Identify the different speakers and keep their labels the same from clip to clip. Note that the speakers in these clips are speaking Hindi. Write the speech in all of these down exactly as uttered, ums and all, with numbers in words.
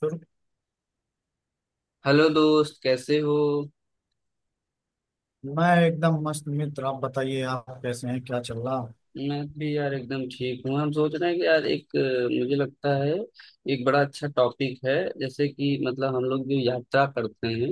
Speaker 1: फिर।
Speaker 2: हेलो दोस्त, कैसे हो?
Speaker 1: मैं एकदम मस्त मित्र। आप बताइए, आप कैसे हैं, क्या चल रहा?
Speaker 2: मैं भी यार एकदम ठीक हूँ। हम सोच रहे हैं कि यार एक अ, मुझे लगता है एक बड़ा अच्छा टॉपिक है। जैसे कि मतलब हम लोग जो यात्रा करते हैं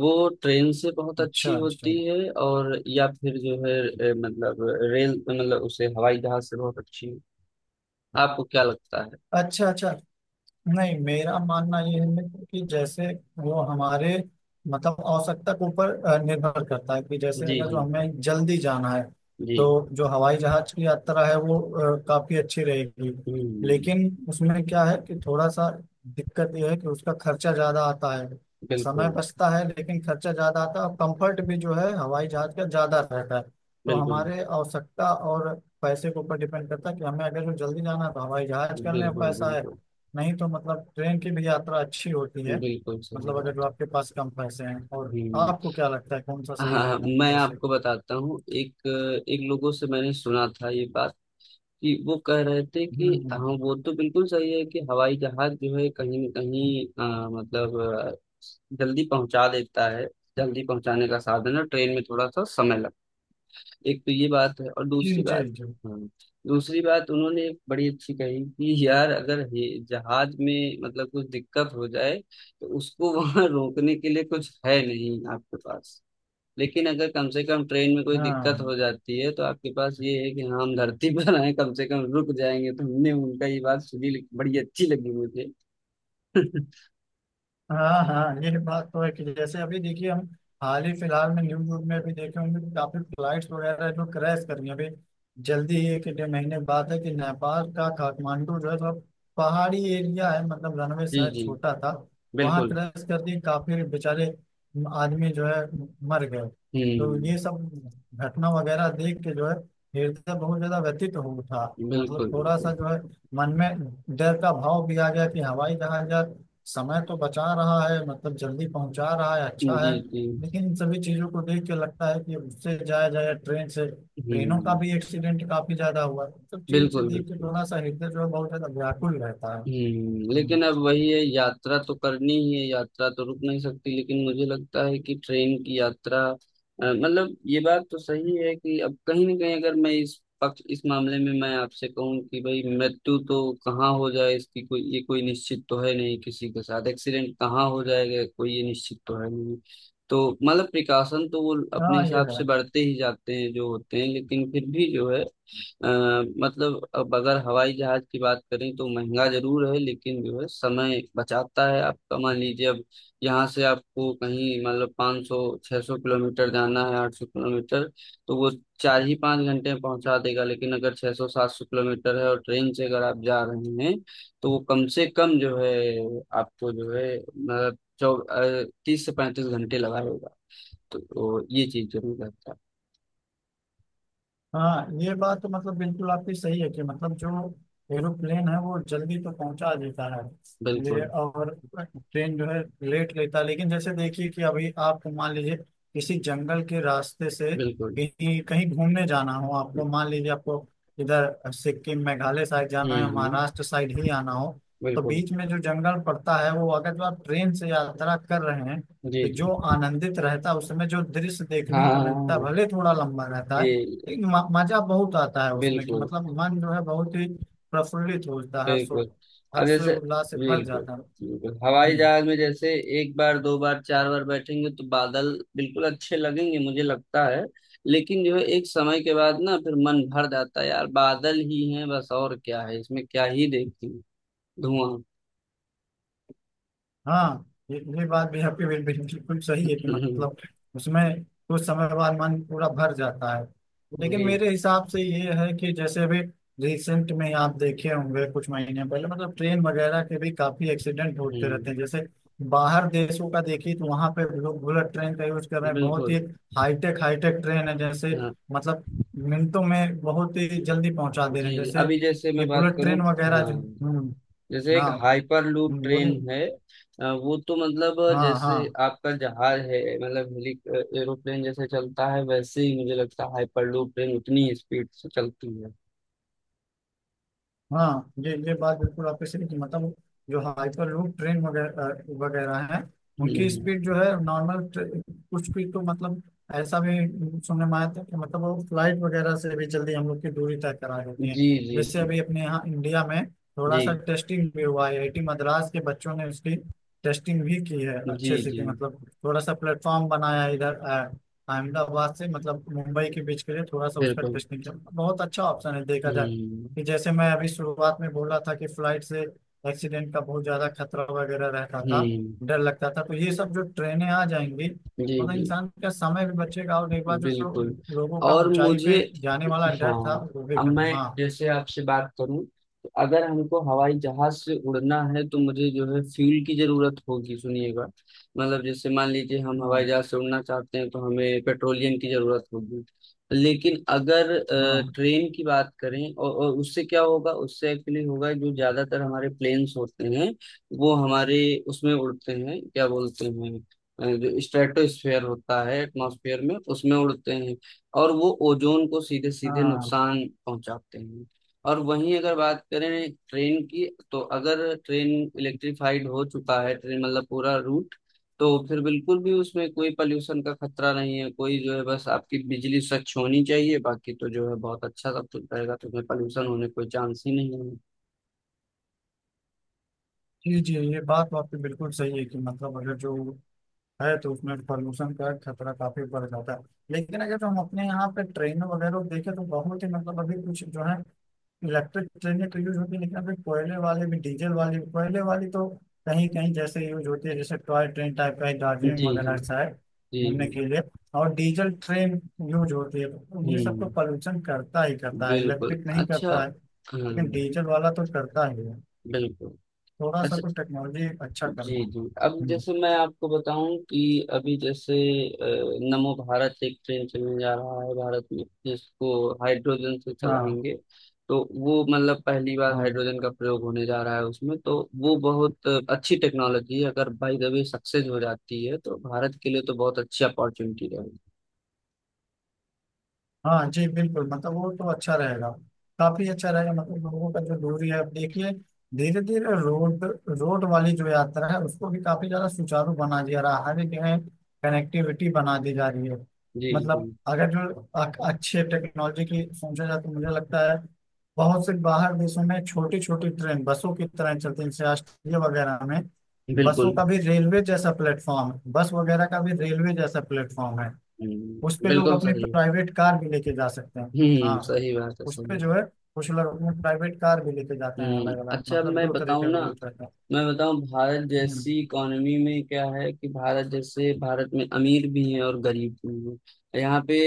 Speaker 2: वो ट्रेन से बहुत
Speaker 1: अच्छा
Speaker 2: अच्छी
Speaker 1: अच्छा।
Speaker 2: होती है। और या फिर जो है अ, मतलब रेल मतलब उसे हवाई जहाज से बहुत अच्छी। आपको क्या लगता है?
Speaker 1: अच्छा अच्छा। नहीं, मेरा मानना यह है मित्र कि जैसे वो हमारे मतलब आवश्यकता के ऊपर अ, निर्भर करता है कि जैसे
Speaker 2: जी
Speaker 1: अगर जो
Speaker 2: जी।
Speaker 1: हमें जल्दी जाना है
Speaker 2: जी।
Speaker 1: तो जो हवाई जहाज की यात्रा है वो अ, काफी अच्छी रहेगी।
Speaker 2: हम्म।
Speaker 1: लेकिन उसमें क्या है कि थोड़ा सा दिक्कत यह है कि उसका खर्चा ज्यादा आता है। समय
Speaker 2: बिल्कुल।
Speaker 1: बचता है लेकिन खर्चा ज्यादा आता है, और कंफर्ट भी जो है हवाई जहाज का ज्यादा रहता है। तो
Speaker 2: बिल्कुल।
Speaker 1: हमारे आवश्यकता और पैसे के ऊपर डिपेंड करता है कि हमें अगर जो जल्दी जाना है तो हवाई जहाज करने में
Speaker 2: बिल्कुल।
Speaker 1: पैसा है।
Speaker 2: बिल्कुल
Speaker 1: नहीं तो मतलब ट्रेन की भी यात्रा अच्छी होती है।
Speaker 2: बिल्कुल। सही
Speaker 1: मतलब अगर जो
Speaker 2: बात है।
Speaker 1: आपके पास कम पैसे हैं, और
Speaker 2: हम्म।
Speaker 1: आपको क्या लगता है कौन सा
Speaker 2: हाँ
Speaker 1: सही
Speaker 2: हाँ,
Speaker 1: रहेगा
Speaker 2: मैं
Speaker 1: पैसे।
Speaker 2: आपको बताता हूँ। एक एक लोगों से मैंने सुना था ये बात, कि वो कह रहे थे कि
Speaker 1: हम्म
Speaker 2: हाँ
Speaker 1: हम्म।
Speaker 2: वो तो बिल्कुल सही है कि हवाई जहाज जो है कहीं न कहीं अ, मतलब अ, जल्दी पहुंचा देता है। जल्दी पहुंचाने का साधन है। ट्रेन में थोड़ा सा समय लगता है, एक तो ये बात है। और
Speaker 1: जी
Speaker 2: दूसरी
Speaker 1: जी
Speaker 2: बात,
Speaker 1: जी।
Speaker 2: हाँ, दूसरी बात उन्होंने एक बड़ी अच्छी कही कि यार अगर ये जहाज में मतलब कुछ दिक्कत हो जाए तो उसको वहां रोकने के लिए कुछ है नहीं आपके पास। लेकिन अगर कम से कम ट्रेन में कोई दिक्कत
Speaker 1: हाँ
Speaker 2: हो जाती है तो आपके पास ये है कि हाँ हम धरती पर आए, कम से कम रुक जाएंगे। तो हमने उनका ये बात सुनी, बड़ी अच्छी लगी मुझे।
Speaker 1: हाँ हाँ। ये बात तो है कि जैसे अभी देखिए हम हाल ही फिलहाल में न्यूज व्यूज में भी देखे होंगे कि काफी फ्लाइट्स वगैरह जो क्रैश कर रही हैं अभी। जल्दी ही एक डेढ़ महीने बाद है कि नेपाल का काठमांडू जो है तो पहाड़ी एरिया है, मतलब रनवे
Speaker 2: जी
Speaker 1: शायद
Speaker 2: जी।
Speaker 1: छोटा था, वहाँ
Speaker 2: बिल्कुल।
Speaker 1: क्रैश कर दी। काफी बेचारे आदमी जो है मर गए। तो
Speaker 2: हम्म।
Speaker 1: ये सब घटना वगैरह देख के जो है हृदय बहुत ज्यादा व्यथित हो उठा। मतलब
Speaker 2: बिल्कुल
Speaker 1: थोड़ा सा
Speaker 2: बिल्कुल।
Speaker 1: जो है मन में डर का भाव भी आ गया कि हवाई जहाज यार, समय तो बचा रहा है, मतलब जल्दी पहुंचा रहा है, अच्छा
Speaker 2: जी
Speaker 1: है।
Speaker 2: जी।
Speaker 1: लेकिन इन सभी चीजों को देख के लगता है कि उससे जाया जाए ट्रेन से। ट्रेनों का
Speaker 2: हम्म।
Speaker 1: भी एक्सीडेंट काफी ज्यादा हुआ है, सब चीज से
Speaker 2: बिल्कुल
Speaker 1: देख के
Speaker 2: बिल्कुल।
Speaker 1: थोड़ा सा हृदय जो है बहुत ज्यादा व्याकुल रहता है।
Speaker 2: हम्म,
Speaker 1: हम्म।
Speaker 2: लेकिन अब वही है, यात्रा तो करनी ही है। यात्रा तो रुक नहीं सकती। लेकिन मुझे लगता है कि ट्रेन की यात्रा अ, मतलब ये बात तो सही है कि अब कहीं ना कहीं अगर मैं इस पक्ष इस मामले में मैं आपसे कहूं कि भाई मृत्यु तो कहाँ हो जाए इसकी कोई ये कोई निश्चित तो है नहीं, किसी के साथ एक्सीडेंट कहाँ हो जाएगा कोई ये निश्चित तो है नहीं। तो मतलब प्रिकॉशन तो वो अपने
Speaker 1: हाँ, ये
Speaker 2: हिसाब से
Speaker 1: है।
Speaker 2: बढ़ते ही जाते हैं जो होते हैं, लेकिन फिर भी जो है अ, मतलब अब अगर हवाई जहाज की बात करें तो महंगा जरूर है, लेकिन जो है समय बचाता है आपका। मान लीजिए अब यहाँ से आपको कहीं मतलब पाँच सौ छह सौ किलोमीटर जाना है, आठ सौ किलोमीटर, तो वो चार ही पाँच घंटे में पहुंचा देगा। लेकिन अगर छह सौ सात सौ किलोमीटर है और ट्रेन से अगर आप जा रहे हैं तो वो कम से कम जो है आपको जो है मतलब चौ अ, तीस से पैंतीस घंटे लगाएगा। तो, तो ये चीज जरूर रहता है।
Speaker 1: हाँ, ये बात तो मतलब बिल्कुल आपकी सही है कि मतलब जो एरोप्लेन है वो जल्दी तो पहुंचा देता है। ले,
Speaker 2: बिल्कुल
Speaker 1: और ट्रेन जो है लेट लेता है। लेकिन जैसे देखिए कि अभी आप मान लीजिए किसी जंगल के रास्ते से
Speaker 2: बिल्कुल।
Speaker 1: कहीं कहीं घूमने जाना हो, आपको
Speaker 2: हम्म।
Speaker 1: मान लीजिए आपको इधर सिक्किम मेघालय साइड जाना है,
Speaker 2: हम्म।
Speaker 1: महाराष्ट्र साइड ही आना हो, तो
Speaker 2: बिल्कुल।
Speaker 1: बीच में जो जंगल पड़ता है वो अगर जो आप ट्रेन से यात्रा कर रहे हैं
Speaker 2: जी
Speaker 1: तो जो
Speaker 2: जी।
Speaker 1: आनंदित रहता है उस समय, जो दृश्य
Speaker 2: हाँ
Speaker 1: देखने
Speaker 2: हाँ,
Speaker 1: को
Speaker 2: हाँ,
Speaker 1: मिलता है
Speaker 2: हाँ।
Speaker 1: भले थोड़ा लंबा रहता है।
Speaker 2: ये
Speaker 1: एक म- मजा बहुत आता है उसमें कि
Speaker 2: बिल्कुल।
Speaker 1: मतलब मन जो है बहुत ही प्रफुल्लित होता है, हर्ष
Speaker 2: बिल्कुल अब
Speaker 1: हर्ष
Speaker 2: जैसे
Speaker 1: उल्लास से भर
Speaker 2: बिल्कुल
Speaker 1: जाता है।
Speaker 2: बिल्कुल हवाई
Speaker 1: हम्म।
Speaker 2: जहाज में जैसे एक बार दो बार चार बार बैठेंगे तो बादल बिल्कुल अच्छे लगेंगे, मुझे लगता है। लेकिन जो है एक समय के बाद ना फिर मन भर जाता है। यार बादल ही हैं बस, और क्या है इसमें क्या ही देखें। धुआं।
Speaker 1: हाँ, ये ये बात भी आपकी बिल- बिल- बिल्कुल सही है कि मतलब उसमें कुछ समय बाद मन पूरा भर जाता है। लेकिन
Speaker 2: जी।
Speaker 1: मेरे हिसाब से ये है कि जैसे अभी रिसेंट में आप देखे होंगे, कुछ महीने पहले मतलब ट्रेन वगैरह के भी काफी एक्सीडेंट होते
Speaker 2: हम्म।
Speaker 1: रहते हैं। जैसे बाहर देशों का देखिए तो वहां पे लोग बुलेट ट्रेन का यूज कर रहे हैं, बहुत ही
Speaker 2: बिल्कुल।
Speaker 1: हाईटेक हाईटेक ट्रेन है। जैसे
Speaker 2: हाँ।
Speaker 1: मतलब मिनटों में बहुत ही जल्दी पहुंचा दे रहे हैं।
Speaker 2: जी जी
Speaker 1: जैसे
Speaker 2: अभी जैसे मैं
Speaker 1: ये
Speaker 2: बात
Speaker 1: बुलेट
Speaker 2: करूँ।
Speaker 1: ट्रेन वगैरह
Speaker 2: हाँ,
Speaker 1: जो। हम्म।
Speaker 2: जैसे एक
Speaker 1: हाँ।
Speaker 2: हाइपर लूप
Speaker 1: हम्म, बोलिए।
Speaker 2: ट्रेन है अ, वो तो मतलब अ,
Speaker 1: हाँ
Speaker 2: जैसे
Speaker 1: हाँ।
Speaker 2: आपका जहाज है, मतलब हेली एरोप्लेन जैसे चलता है, वैसे ही मुझे लगता है हाइपर लूप ट्रेन उतनी ही स्पीड से चलती है।
Speaker 1: हाँ, ये ये बात बिल्कुल आपके सही कि मतलब जो हाइपर लूप ट्रेन वगैरह वगैरह हैं उनकी
Speaker 2: हम्म।
Speaker 1: स्पीड जो है नॉर्मल कुछ भी तो मतलब ऐसा भी सुनने में आया था कि मतलब वो फ्लाइट वगैरह से भी जल्दी हम लोग की दूरी तय करा देती
Speaker 2: जी
Speaker 1: हैं।
Speaker 2: जी।
Speaker 1: जैसे
Speaker 2: जी
Speaker 1: अभी अपने यहाँ इंडिया में थोड़ा
Speaker 2: जी।
Speaker 1: सा टेस्टिंग भी हुआ है, आई आई टी मद्रास के बच्चों ने उसकी टेस्टिंग भी की है
Speaker 2: जी
Speaker 1: अच्छे से
Speaker 2: जी।
Speaker 1: कि मतलब थोड़ा सा प्लेटफॉर्म बनाया है इधर अ, अहमदाबाद से मतलब मुंबई के बीच के लिए थोड़ा सा उसका
Speaker 2: बिल्कुल।
Speaker 1: टेस्टिंग किया। बहुत अच्छा ऑप्शन है, देखा जाए
Speaker 2: हम्म
Speaker 1: कि जैसे मैं अभी शुरुआत में बोला था कि फ्लाइट से एक्सीडेंट का बहुत ज्यादा खतरा वगैरह रहता था,
Speaker 2: हम्म।
Speaker 1: डर लगता था, तो ये सब जो ट्रेनें आ जाएंगी
Speaker 2: जी
Speaker 1: मतलब
Speaker 2: जी।
Speaker 1: इंसान का समय भी बचेगा, और एक बार जो
Speaker 2: बिल्कुल।
Speaker 1: लोगों का
Speaker 2: और
Speaker 1: ऊंचाई
Speaker 2: मुझे
Speaker 1: पे जाने वाला डर था
Speaker 2: हाँ
Speaker 1: वो भी
Speaker 2: अब मैं
Speaker 1: खत्म। हाँ
Speaker 2: जैसे आपसे बात करूं, तो अगर हमको हवाई जहाज से उड़ना है तो मुझे जो है फ्यूल की जरूरत होगी। सुनिएगा, मतलब जैसे मान लीजिए हम
Speaker 1: हाँ
Speaker 2: हवाई जहाज से उड़ना चाहते हैं तो हमें पेट्रोलियम की जरूरत होगी। लेकिन अगर अ,
Speaker 1: हाँ
Speaker 2: ट्रेन की बात करें और, और उससे क्या होगा उससे एक्चुअली होगा जो ज्यादातर हमारे प्लेन्स होते हैं वो हमारे उसमें उड़ते हैं, क्या बोलते हैं, अ, जो स्ट्रेटोस्फेयर होता है एटमॉस्फेयर में उसमें उड़ते हैं, और वो ओजोन को सीधे सीधे
Speaker 1: हाँ।
Speaker 2: नुकसान पहुंचाते हैं। और वहीं अगर बात करें ट्रेन की, तो अगर ट्रेन इलेक्ट्रिफाइड हो चुका है, ट्रेन मतलब पूरा रूट, तो फिर बिल्कुल भी उसमें कोई पॉल्यूशन का खतरा नहीं है। कोई जो है बस आपकी बिजली स्वच्छ होनी चाहिए, बाकी तो जो है बहुत अच्छा सब कुछ रहेगा। तो उसमें पॉल्यूशन होने कोई चांस ही नहीं
Speaker 1: जी जी, ये बात तो आपकी बिल्कुल सही है कि मतलब अगर जो है तो उसमें पॉल्यूशन का खतरा काफी बढ़ जाता है। लेकिन अगर जो हम अपने यहाँ पे ट्रेनों वगैरह देखें तो बहुत ही मतलब अभी कुछ जो है इलेक्ट्रिक ट्रेनें तो यूज होती है। लेकिन अभी कोयले वाले भी, डीजल वाली भी। कोयले वाली तो कहीं कहीं जैसे यूज होती है, जैसे टॉय ट्रेन टाइप का है
Speaker 2: है।
Speaker 1: दार्जिलिंग
Speaker 2: जी जी।
Speaker 1: वगैरह शायद,
Speaker 2: जी
Speaker 1: घूमने
Speaker 2: जी।
Speaker 1: के लिए। और डीजल ट्रेन यूज होती है तो ये सब तो
Speaker 2: हम्म।
Speaker 1: पॉल्यूशन करता ही करता है।
Speaker 2: बिल्कुल।
Speaker 1: इलेक्ट्रिक नहीं
Speaker 2: अच्छा।
Speaker 1: करता है लेकिन
Speaker 2: हम्म।
Speaker 1: डीजल वाला तो करता ही है।
Speaker 2: बिल्कुल।
Speaker 1: थोड़ा सा
Speaker 2: अच्छा।
Speaker 1: तो टेक्नोलॉजी अच्छा
Speaker 2: जी
Speaker 1: करना।
Speaker 2: जी अब
Speaker 1: हम्म।
Speaker 2: जैसे मैं आपको बताऊं कि अभी जैसे अ, नमो भारत एक ट्रेन चलने जा रहा है भारत में, जिसको हाइड्रोजन से
Speaker 1: हाँ
Speaker 2: चलाएंगे। तो वो मतलब पहली बार
Speaker 1: हाँ।
Speaker 2: हाइड्रोजन का प्रयोग होने जा रहा है उसमें, तो वो बहुत अच्छी टेक्नोलॉजी है। अगर बाई द वे सक्सेस हो जाती है तो भारत के लिए तो बहुत अच्छी अपॉर्चुनिटी रहेगी।
Speaker 1: हाँ जी, बिल्कुल। मतलब वो तो अच्छा रहेगा, काफी अच्छा रहेगा। मतलब लोगों का जो दूरी है, अब देखिए धीरे धीरे रोड रोड वाली जो यात्रा है उसको भी काफी ज्यादा सुचारू बना दिया रहा, हर एक जगह कनेक्टिविटी बना दी जा रही है।
Speaker 2: जी जी।
Speaker 1: मतलब अगर जो अ- अच्छे टेक्नोलॉजी की सोचा जाए तो मुझे लगता है बहुत से बाहर देशों में छोटी छोटी ट्रेन बसों की तरह चलती है, जैसे ऑस्ट्रेलिया वगैरह में। बसों
Speaker 2: बिल्कुल।
Speaker 1: का भी रेलवे जैसा प्लेटफॉर्म, बस वगैरह का भी रेलवे जैसा प्लेटफॉर्म है। उस
Speaker 2: हम्म,
Speaker 1: पे लोग
Speaker 2: बिल्कुल
Speaker 1: अपनी
Speaker 2: सही।
Speaker 1: प्राइवेट कार भी लेके जा सकते हैं।
Speaker 2: हम्म,
Speaker 1: हाँ,
Speaker 2: सही बात है,
Speaker 1: उस
Speaker 2: सही
Speaker 1: पे
Speaker 2: है।
Speaker 1: जो है कुछ लोग अपनी प्राइवेट कार भी लेके जाते हैं।
Speaker 2: हम्म
Speaker 1: अलग अलग
Speaker 2: अच्छा अब
Speaker 1: मतलब
Speaker 2: मैं
Speaker 1: दो तरह
Speaker 2: बताऊं
Speaker 1: के
Speaker 2: ना,
Speaker 1: रूल्स रहते हैं।
Speaker 2: मैं बताऊं भारत
Speaker 1: हम्म।
Speaker 2: जैसी इकोनॉमी में क्या है कि भारत जैसे भारत में अमीर भी हैं और गरीब भी हैं यहाँ पे।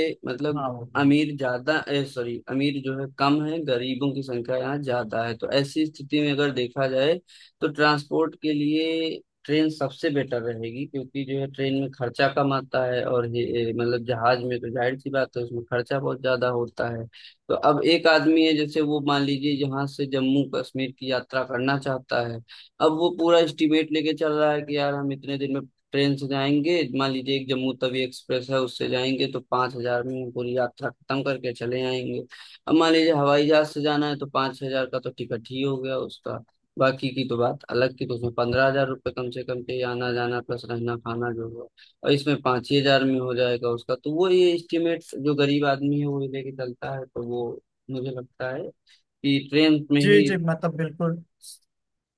Speaker 1: हाँ,
Speaker 2: मतलब
Speaker 1: वो तो है।
Speaker 2: अमीर ज्यादा ए सॉरी, अमीर जो है कम है, गरीबों की संख्या यहाँ ज्यादा है। तो ऐसी स्थिति में अगर देखा जाए तो ट्रांसपोर्ट के लिए ट्रेन सबसे बेटर रहेगी, क्योंकि जो है ट्रेन में खर्चा कम आता है। और ये- ये मतलब जहाज में तो जाहिर सी बात है उसमें खर्चा बहुत ज्यादा होता है। तो अब एक आदमी है जैसे, वो मान लीजिए यहाँ से जम्मू कश्मीर की यात्रा करना चाहता है। अब वो पूरा एस्टिमेट लेके चल रहा है कि यार हम इतने दिन में ट्रेन से जाएंगे, मान लीजिए एक जम्मू तवी एक्सप्रेस है उससे जाएंगे, तो पांच हज़ार में हम पूरी यात्रा खत्म करके चले आएंगे। अब मान लीजिए हवाई जहाज से जाना है तो पांच हज़ार का तो टिकट ही हो गया उसका, बाकी की तो बात अलग की, तो उसमें पंद्रह हज़ार रुपये कम से कम के आना जाना प्लस रहना खाना जो हुआ। और इसमें पाँच ही हज़ार में हो जाएगा उसका, तो वो ये एस्टिमेट जो गरीब आदमी है वो ये लेके चलता है, तो वो मुझे लगता है कि ट्रेन में
Speaker 1: जी
Speaker 2: ही।
Speaker 1: जी, मतलब बिल्कुल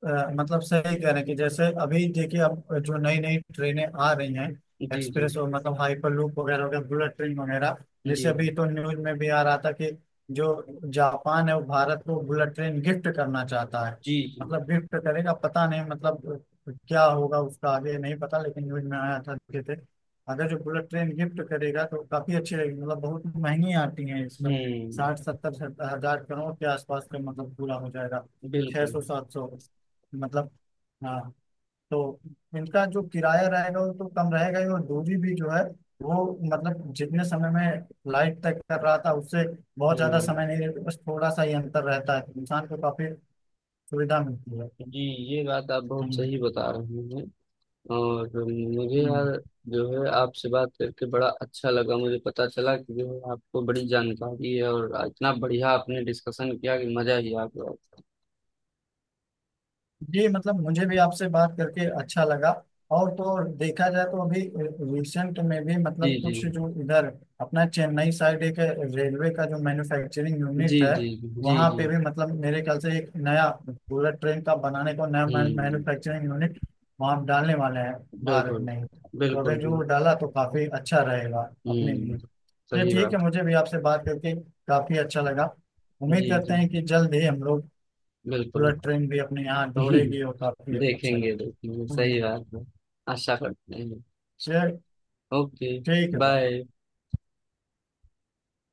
Speaker 1: अ, मतलब सही कह रहे हैं कि जैसे अभी देखिए अब जो नई नई ट्रेनें आ रही हैं,
Speaker 2: जी जी।
Speaker 1: एक्सप्रेस और मतलब हाइपरलूप वगैरह वगैरह, बुलेट ट्रेन वगैरह।
Speaker 2: जी
Speaker 1: जैसे अभी
Speaker 2: जी।
Speaker 1: तो न्यूज में भी आ रहा था कि जो जापान है वो भारत को बुलेट ट्रेन गिफ्ट करना चाहता है।
Speaker 2: जी जी।
Speaker 1: मतलब गिफ्ट करेगा पता नहीं, मतलब क्या होगा उसका आगे नहीं पता, लेकिन न्यूज में आया था देखे थे। अगर जो बुलेट ट्रेन गिफ्ट करेगा तो काफी अच्छी रहेगी। मतलब बहुत महंगी आती है, इस
Speaker 2: हम्म।
Speaker 1: साठ सत्तर हजार करोड़ के आसपास का मतलब पूरा हो जाएगा। छह
Speaker 2: बिल्कुल।
Speaker 1: सौ सात सौ मतलब। हाँ। तो इनका जो किराया रहेगा वो तो कम रहेगा ही, और दूरी भी जो है वो मतलब जितने समय में फ्लाइट तय कर रहा था उससे बहुत ज्यादा
Speaker 2: हम्म।
Speaker 1: समय नहीं रहता, बस थोड़ा सा ही अंतर रहता है। इंसान को काफी सुविधा मिलती है।
Speaker 2: जी। ये बात आप बहुत
Speaker 1: हम्म
Speaker 2: सही बता रहे हैं। और मुझे
Speaker 1: हम्म।
Speaker 2: यार जो है आपसे बात करके बड़ा अच्छा लगा। मुझे पता चला कि जो है आपको बड़ी जानकारी है, और इतना बढ़िया आपने डिस्कशन किया कि मजा ही आ गया।
Speaker 1: जी मतलब मुझे भी आपसे बात करके अच्छा लगा। और तो और देखा जाए तो अभी रिसेंट में भी
Speaker 2: जी
Speaker 1: मतलब
Speaker 2: जी।
Speaker 1: कुछ जो इधर अपना चेन्नई साइड एक रेलवे का जो मैन्युफैक्चरिंग
Speaker 2: जी
Speaker 1: यूनिट है,
Speaker 2: जी। जी
Speaker 1: वहाँ
Speaker 2: जी।
Speaker 1: पे भी मतलब मेरे ख्याल से एक नया बुलेट ट्रेन का बनाने को, नया
Speaker 2: हम्म।
Speaker 1: मैन्युफैक्चरिंग यूनिट वहाँ डालने वाले हैं भारत
Speaker 2: बिल्कुल,
Speaker 1: में ही। तो
Speaker 2: बिल्कुल,
Speaker 1: अगर जो
Speaker 2: बिल्कुल।
Speaker 1: डाला तो काफी अच्छा रहेगा अपने लिए।
Speaker 2: हुँ,
Speaker 1: ये
Speaker 2: सही
Speaker 1: ठीक है,
Speaker 2: बात।
Speaker 1: मुझे भी आपसे बात करके काफी अच्छा लगा। उम्मीद
Speaker 2: जी,
Speaker 1: करते
Speaker 2: जी,
Speaker 1: हैं कि जल्द ही हम लोग
Speaker 2: बिल्कुल।
Speaker 1: बुलेट ट्रेन भी अपने यहाँ दौड़ेगी और काफी अच्छा
Speaker 2: देखेंगे, देखेंगे,
Speaker 1: लगेगा। हाँ जी।
Speaker 2: सही बात है। आशा करते हैं।
Speaker 1: चल
Speaker 2: ओके,
Speaker 1: ठीक है भाई।
Speaker 2: बाय।